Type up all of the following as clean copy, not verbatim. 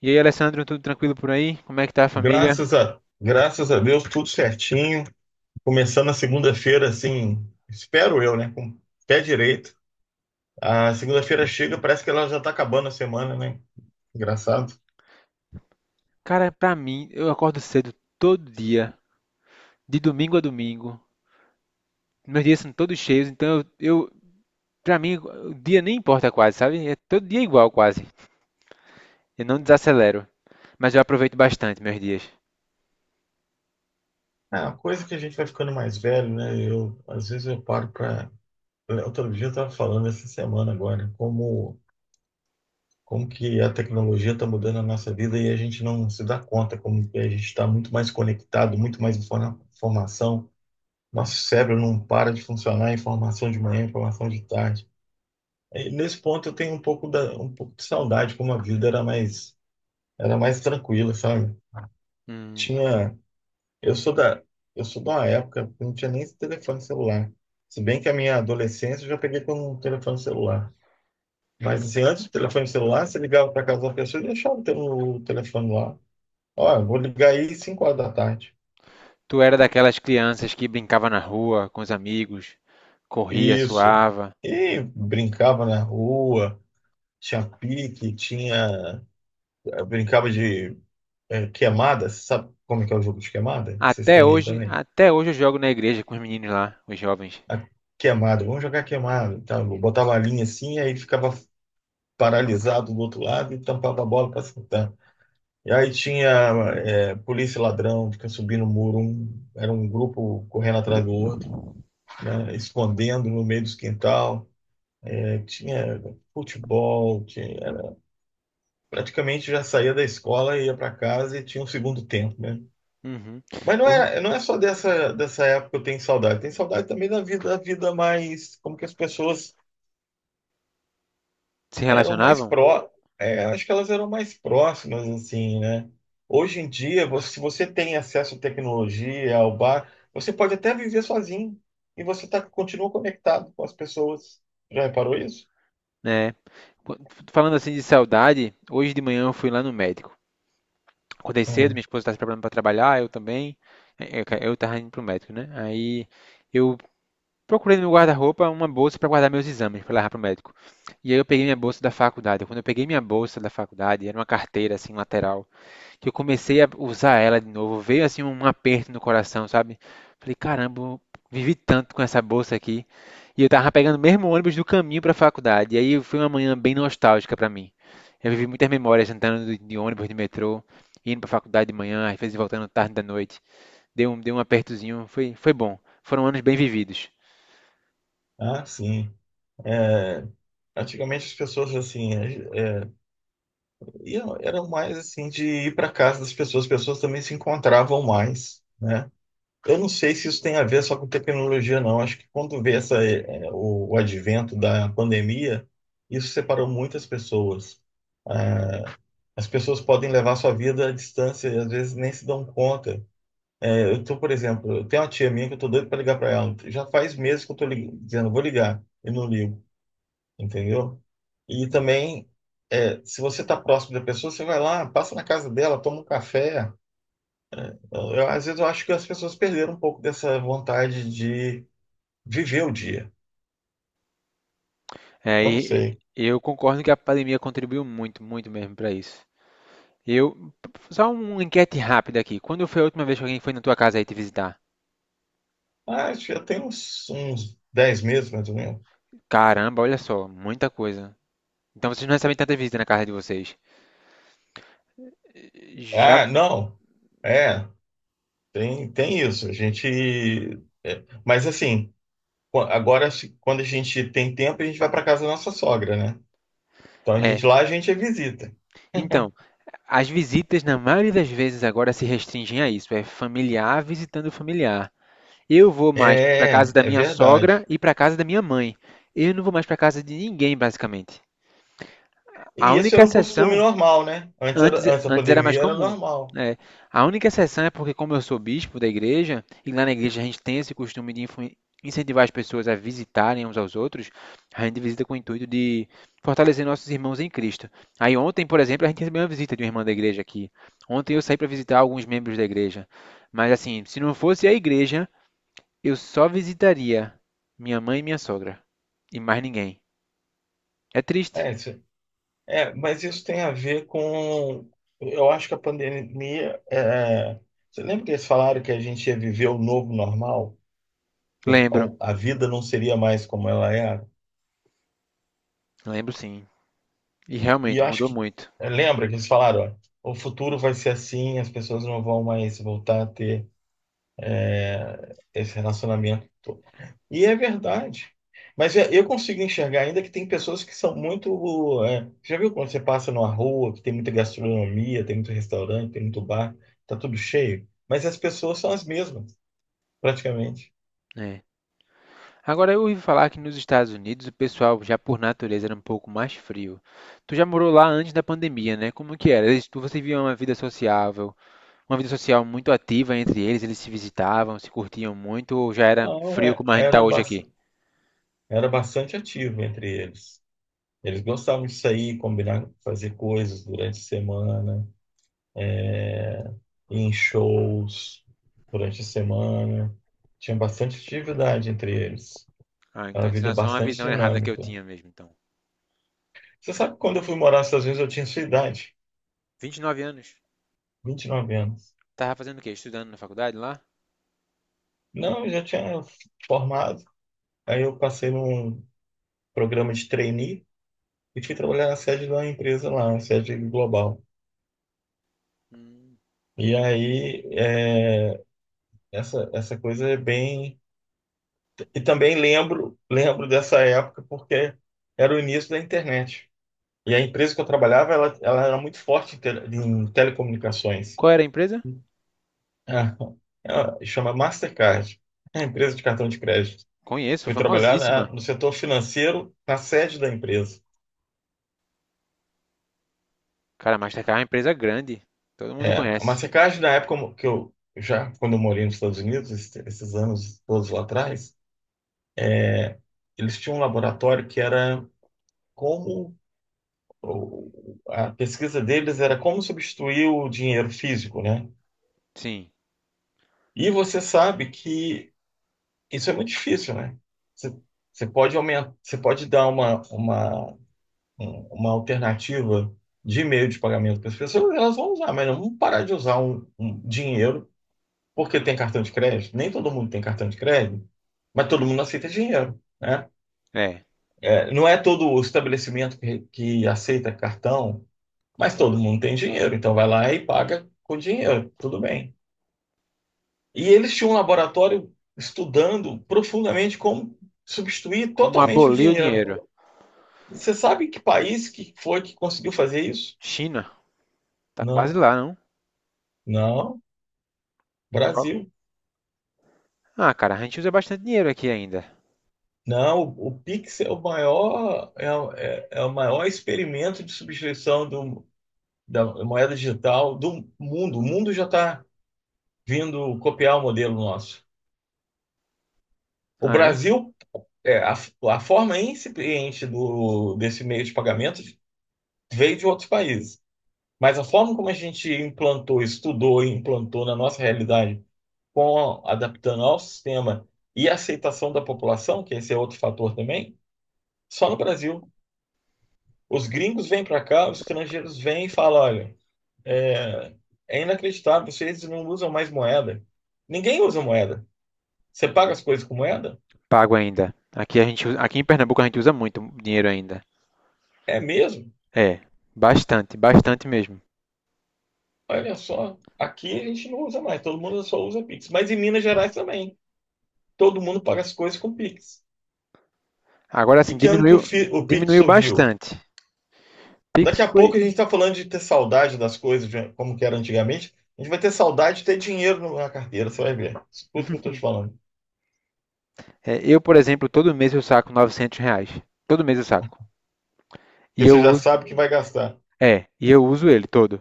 E aí, Alessandro, tudo tranquilo por aí? Como é que tá a família? Graças a Deus, tudo certinho. Começando a segunda-feira, assim, espero eu, né? Com o pé direito. A segunda-feira chega, parece que ela já tá acabando a semana, né? Engraçado. Cara, pra mim, eu acordo cedo todo dia, de domingo a domingo. Meus dias são todos cheios, então eu pra mim, o dia nem importa quase, sabe? É todo dia igual quase. Eu não desacelero, mas eu aproveito bastante meus dias. É uma coisa que a gente vai ficando mais velho, né? Às vezes eu paro pra. Outro dia eu tava falando essa semana agora, como que a tecnologia tá mudando a nossa vida e a gente não se dá conta, como que a gente tá muito mais conectado, muito mais informação. Nosso cérebro não para de funcionar, informação de manhã, informação de tarde. E nesse ponto eu tenho um pouco de saudade, como a vida era mais, tranquila, sabe? Hum, Tinha, eu sou da, eu sou de uma época que não tinha nem esse telefone celular. Se bem que a minha adolescência eu já peguei com um telefone celular. Mas assim, antes do telefone celular, você ligava para casa da pessoa e deixava o telefone lá. Ó, eu vou ligar aí 5h da tarde. Tu era daquelas crianças que brincava na rua com os amigos, corria, Isso. suava. E brincava na rua, tinha pique, tinha. Eu brincava de queimada. Você sabe como é que é o jogo de queimada? Vocês Até têm aí hoje, também. até hoje eu jogo na igreja com os meninos lá, os jovens. A queimada, vamos jogar queimada e tal. Eu botava a linha assim, e aí ficava paralisado do outro lado e tampava a bola para acertar. E aí tinha polícia e ladrão, fica subindo o muro, era um grupo correndo atrás do outro, né, escondendo no meio dos quintal. É, tinha futebol, praticamente já saía da escola, ia para casa e tinha um segundo tempo, né? Uhum. Mas não Por- é, não é só dessa época que eu tenho saudade. Tem saudade também da vida mais, como que as pessoas Se eram mais relacionavam? pró, é, acho que elas eram mais próximas, assim, né? Hoje em dia, se você tem acesso à tecnologia, ao bar, você pode até viver sozinho e você tá, continua conectado com as pessoas. Já reparou isso? Né? Falando assim de saudade, hoje de manhã eu fui lá no médico. Acordei cedo, minha Hum. esposa estava se preparando para trabalhar, eu também. Eu estava indo para o médico, né? Aí eu procurei no meu guarda-roupa uma bolsa para guardar meus exames, para levar para o médico. E aí eu peguei minha bolsa da faculdade. Quando eu peguei minha bolsa da faculdade, era uma carteira assim lateral que eu comecei a usar ela de novo, veio assim um aperto no coração, sabe? Falei, caramba, eu vivi tanto com essa bolsa aqui. E eu tava pegando o mesmo ônibus do caminho para a faculdade. E aí foi uma manhã bem nostálgica para mim. Eu vivi muitas memórias andando de ônibus, de metrô, indo para a faculdade de manhã, às vezes voltando tarde da noite. Deu um apertozinho, foi bom. Foram anos bem vividos. Ah, sim. É, antigamente as pessoas assim eram mais assim de ir para casa das pessoas, as pessoas também se encontravam mais, né? Eu não sei se isso tem a ver só com tecnologia, não. Acho que quando veio essa, é, é, o advento da pandemia, isso separou muitas pessoas. As pessoas podem levar sua vida à distância e às vezes nem se dão conta. É, por exemplo, eu tenho uma tia minha que eu tô doido para ligar para ela. Já faz meses que eu tô dizendo, vou ligar, e não ligo, entendeu? E também, se você tá próximo da pessoa, você vai lá, passa na casa dela, toma um café. Às vezes eu acho que as pessoas perderam um pouco dessa vontade de viver o dia. É, Eu não e sei. eu concordo que a pandemia contribuiu muito, muito mesmo para isso. Eu, Só uma enquete rápida aqui. Quando foi a última vez que alguém foi na tua casa aí te visitar? Ah, acho que já tem uns 10 meses, mais ou menos. Caramba, olha só, muita coisa. Então vocês não recebem tanta visita na casa de vocês. Já. Ah, não. É, tem isso. A gente. Mas assim, agora, quando a gente tem tempo, a gente vai para casa da nossa sogra, né? Então a É. gente lá a gente é visita. Então, as visitas na maioria das vezes agora se restringem a isso, é familiar visitando familiar. Eu vou mais para casa É, da é minha sogra verdade. e para casa da minha mãe. Eu não vou mais para casa de ninguém, basicamente. A E esse única era um costume exceção normal, né? Antes, era, Antes, antes da antes era mais pandemia era comum, normal. né? A única exceção é porque, como eu sou bispo da igreja, e lá na igreja a gente tem esse costume de incentivar as pessoas a visitarem uns aos outros, a gente visita com o intuito de fortalecer nossos irmãos em Cristo. Aí ontem, por exemplo, a gente recebeu uma visita de uma irmã da igreja aqui. Ontem eu saí para visitar alguns membros da igreja. Mas assim, se não fosse a igreja, eu só visitaria minha mãe e minha sogra, e mais ninguém. É triste. É. Mas isso tem a ver com. Eu acho que a pandemia. Você lembra que eles falaram que a gente ia viver o novo normal? Lembro, A vida não seria mais como ela era. lembro sim. E E eu realmente acho mudou que, muito. lembra que eles falaram, ó, o futuro vai ser assim, as pessoas não vão mais voltar a ter esse relacionamento todo. E é verdade. Mas eu consigo enxergar ainda que tem pessoas que são muito. Já viu quando você passa numa rua, que tem muita gastronomia, tem muito restaurante, tem muito bar, tá tudo cheio? Mas as pessoas são as mesmas, praticamente. Né? Agora, eu ouvi falar que nos Estados Unidos o pessoal já por natureza era um pouco mais frio. Tu já morou lá antes da pandemia, né? Como que era? Você via uma vida sociável, uma vida social muito ativa entre eles, eles se visitavam, se curtiam muito, ou já era Não, frio como a gente tá hoje aqui? era bastante ativo entre eles. Eles gostavam de sair, combinar, fazer coisas durante a semana, ir em shows durante a semana. Tinha bastante atividade entre eles. Ah, Era então uma isso vida é era só uma bastante visão errada que eu dinâmica. tinha mesmo, então. Você sabe que quando eu fui morar nos Estados Unidos, eu tinha sua idade, 29 anos. 29 anos. Tava fazendo o quê? Estudando na faculdade lá? Não, eu já tinha formado. Aí eu passei num programa de trainee e fui trabalhar na sede de uma empresa lá, na sede global. Hum. E aí, essa, essa coisa é bem. E também lembro dessa época porque era o início da internet. E a empresa que eu trabalhava, ela era muito forte em telecomunicações. Qual era a empresa? Ah, ela chama Mastercard, é a empresa de cartão de crédito. Conheço, Fui trabalhar famosíssima. No setor financeiro, na sede da empresa. Cara, Mastercard é uma empresa grande. Todo mundo É, a conhece. Mastercard, na época mo- que eu já, quando eu morei nos Estados Unidos, esses anos todos lá atrás, eles tinham um laboratório que era como o- a pesquisa deles era como substituir o dinheiro físico, né? Sim, E você sabe que isso é muito difícil, né? Você, você pode aumentar, você pode dar uma alternativa de meio de pagamento para as pessoas, elas vão usar, mas não vão parar de usar um dinheiro porque tem cartão de crédito. Nem todo mundo tem cartão de crédito, mas todo mundo aceita dinheiro, né? é. É, não é todo o estabelecimento que aceita cartão. Mas todo mundo tem dinheiro, então vai lá e paga com dinheiro, tudo bem. E eles tinham um laboratório estudando profundamente como substituir Como totalmente o aboliu o dinheiro. dinheiro. E você sabe que país que foi que conseguiu fazer isso? China? Tá quase Não, lá, não? não, Qual? Brasil. Ah, cara, a gente usa bastante dinheiro aqui ainda. Não, o Pix é o maior, é o maior experimento de substituição da moeda digital do mundo. O mundo já está vindo copiar o modelo nosso. O Ah, é? Brasil. É, a forma incipiente desse meio de pagamento veio de outros países, mas a forma como a gente implantou, estudou e implantou na nossa realidade, com, adaptando ao sistema e a aceitação da população, que esse é outro fator também, só no Brasil. Os gringos vêm para cá, os estrangeiros vêm e falam: olha, é, é inacreditável, vocês não usam mais moeda. Ninguém usa moeda. Você paga as coisas com moeda? Pago ainda. Aqui em Pernambuco a gente usa muito dinheiro ainda. É mesmo? É, bastante, bastante mesmo. Olha só, aqui a gente não usa mais, todo mundo só usa Pix. Mas em Minas Gerais também, todo mundo paga as coisas com Pix. Agora E assim, que ano que diminuiu, o Pix diminuiu surgiu? bastante. Pix Daqui a foi, pouco a gente está falando de ter saudade das coisas, de como que era antigamente. A gente vai ter saudade de ter dinheiro na carteira, você vai ver. Escuta o que eu estou te falando. Eu, por exemplo, todo mês eu saco R$ 900. Todo mês eu saco. E Porque eu, você já uso- sabe que vai gastar. E eu uso ele todo.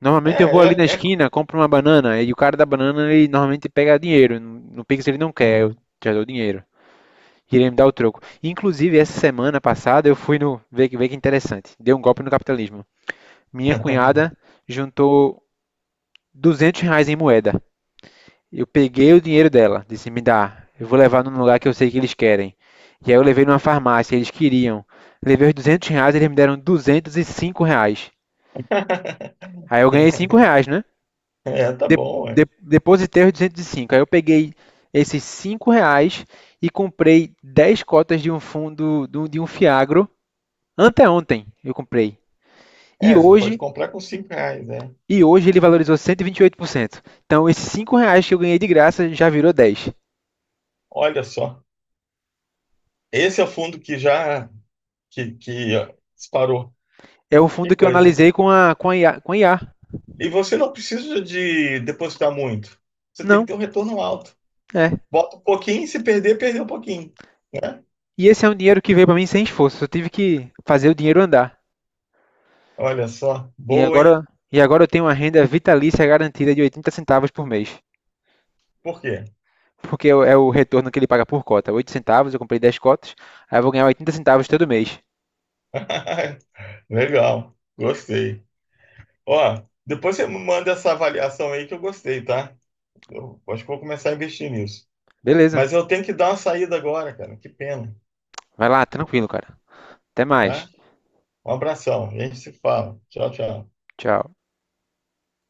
Normalmente eu vou ali É, é, na é. co- esquina, compro uma banana e o cara da banana ele normalmente pega dinheiro. No Pix ele não quer, eu Uhum. já dou dinheiro. Iria me dar o troco. Inclusive, essa semana passada eu fui no. Vê que interessante. Deu um golpe no capitalismo. Minha cunhada juntou R$ 200 em moeda. Eu peguei o dinheiro dela. Disse: me dá. Eu vou levar num lugar que eu sei que eles querem. E aí eu levei numa farmácia, eles queriam. Levei os R$ 200, eles me deram R$ 205. Aí eu ganhei R$ 5, né? É, tá bom, ué. Depositei os 205. Aí eu peguei esses R$ 5 e comprei 10 cotas de um fundo, de um fiagro. Anteontem eu comprei. E É, você pode hoje, comprar com R$ 5, né? e hoje, ele valorizou 128%. Então esses R$ 5 que eu ganhei de graça já virou 10. Olha só. Esse é o fundo que disparou. É o fundo Que que eu coisa, hein? analisei com a IA. Com a IA. E você não precisa de depositar muito. Você tem Não, que ter um retorno alto. é. Bota um pouquinho, se perder, perdeu um pouquinho, né? E esse é um dinheiro que veio para mim sem esforço. Eu tive que fazer o dinheiro andar. Olha só, E boa, hein? agora, e agora, eu tenho uma renda vitalícia garantida de 80 centavos por mês. Por quê? Porque é o retorno que ele paga por cota. 8 centavos, eu comprei 10 cotas. Aí eu vou ganhar 80 centavos todo mês. Legal, gostei. Ó, depois você me manda essa avaliação aí que eu gostei, tá? Eu acho que vou começar a investir nisso. Beleza. Mas eu tenho que dar uma saída agora, cara. Que pena, Vai lá, tranquilo, cara. Até mais. tá? Um abração, a gente se fala. Tchau, tchau. Tchau.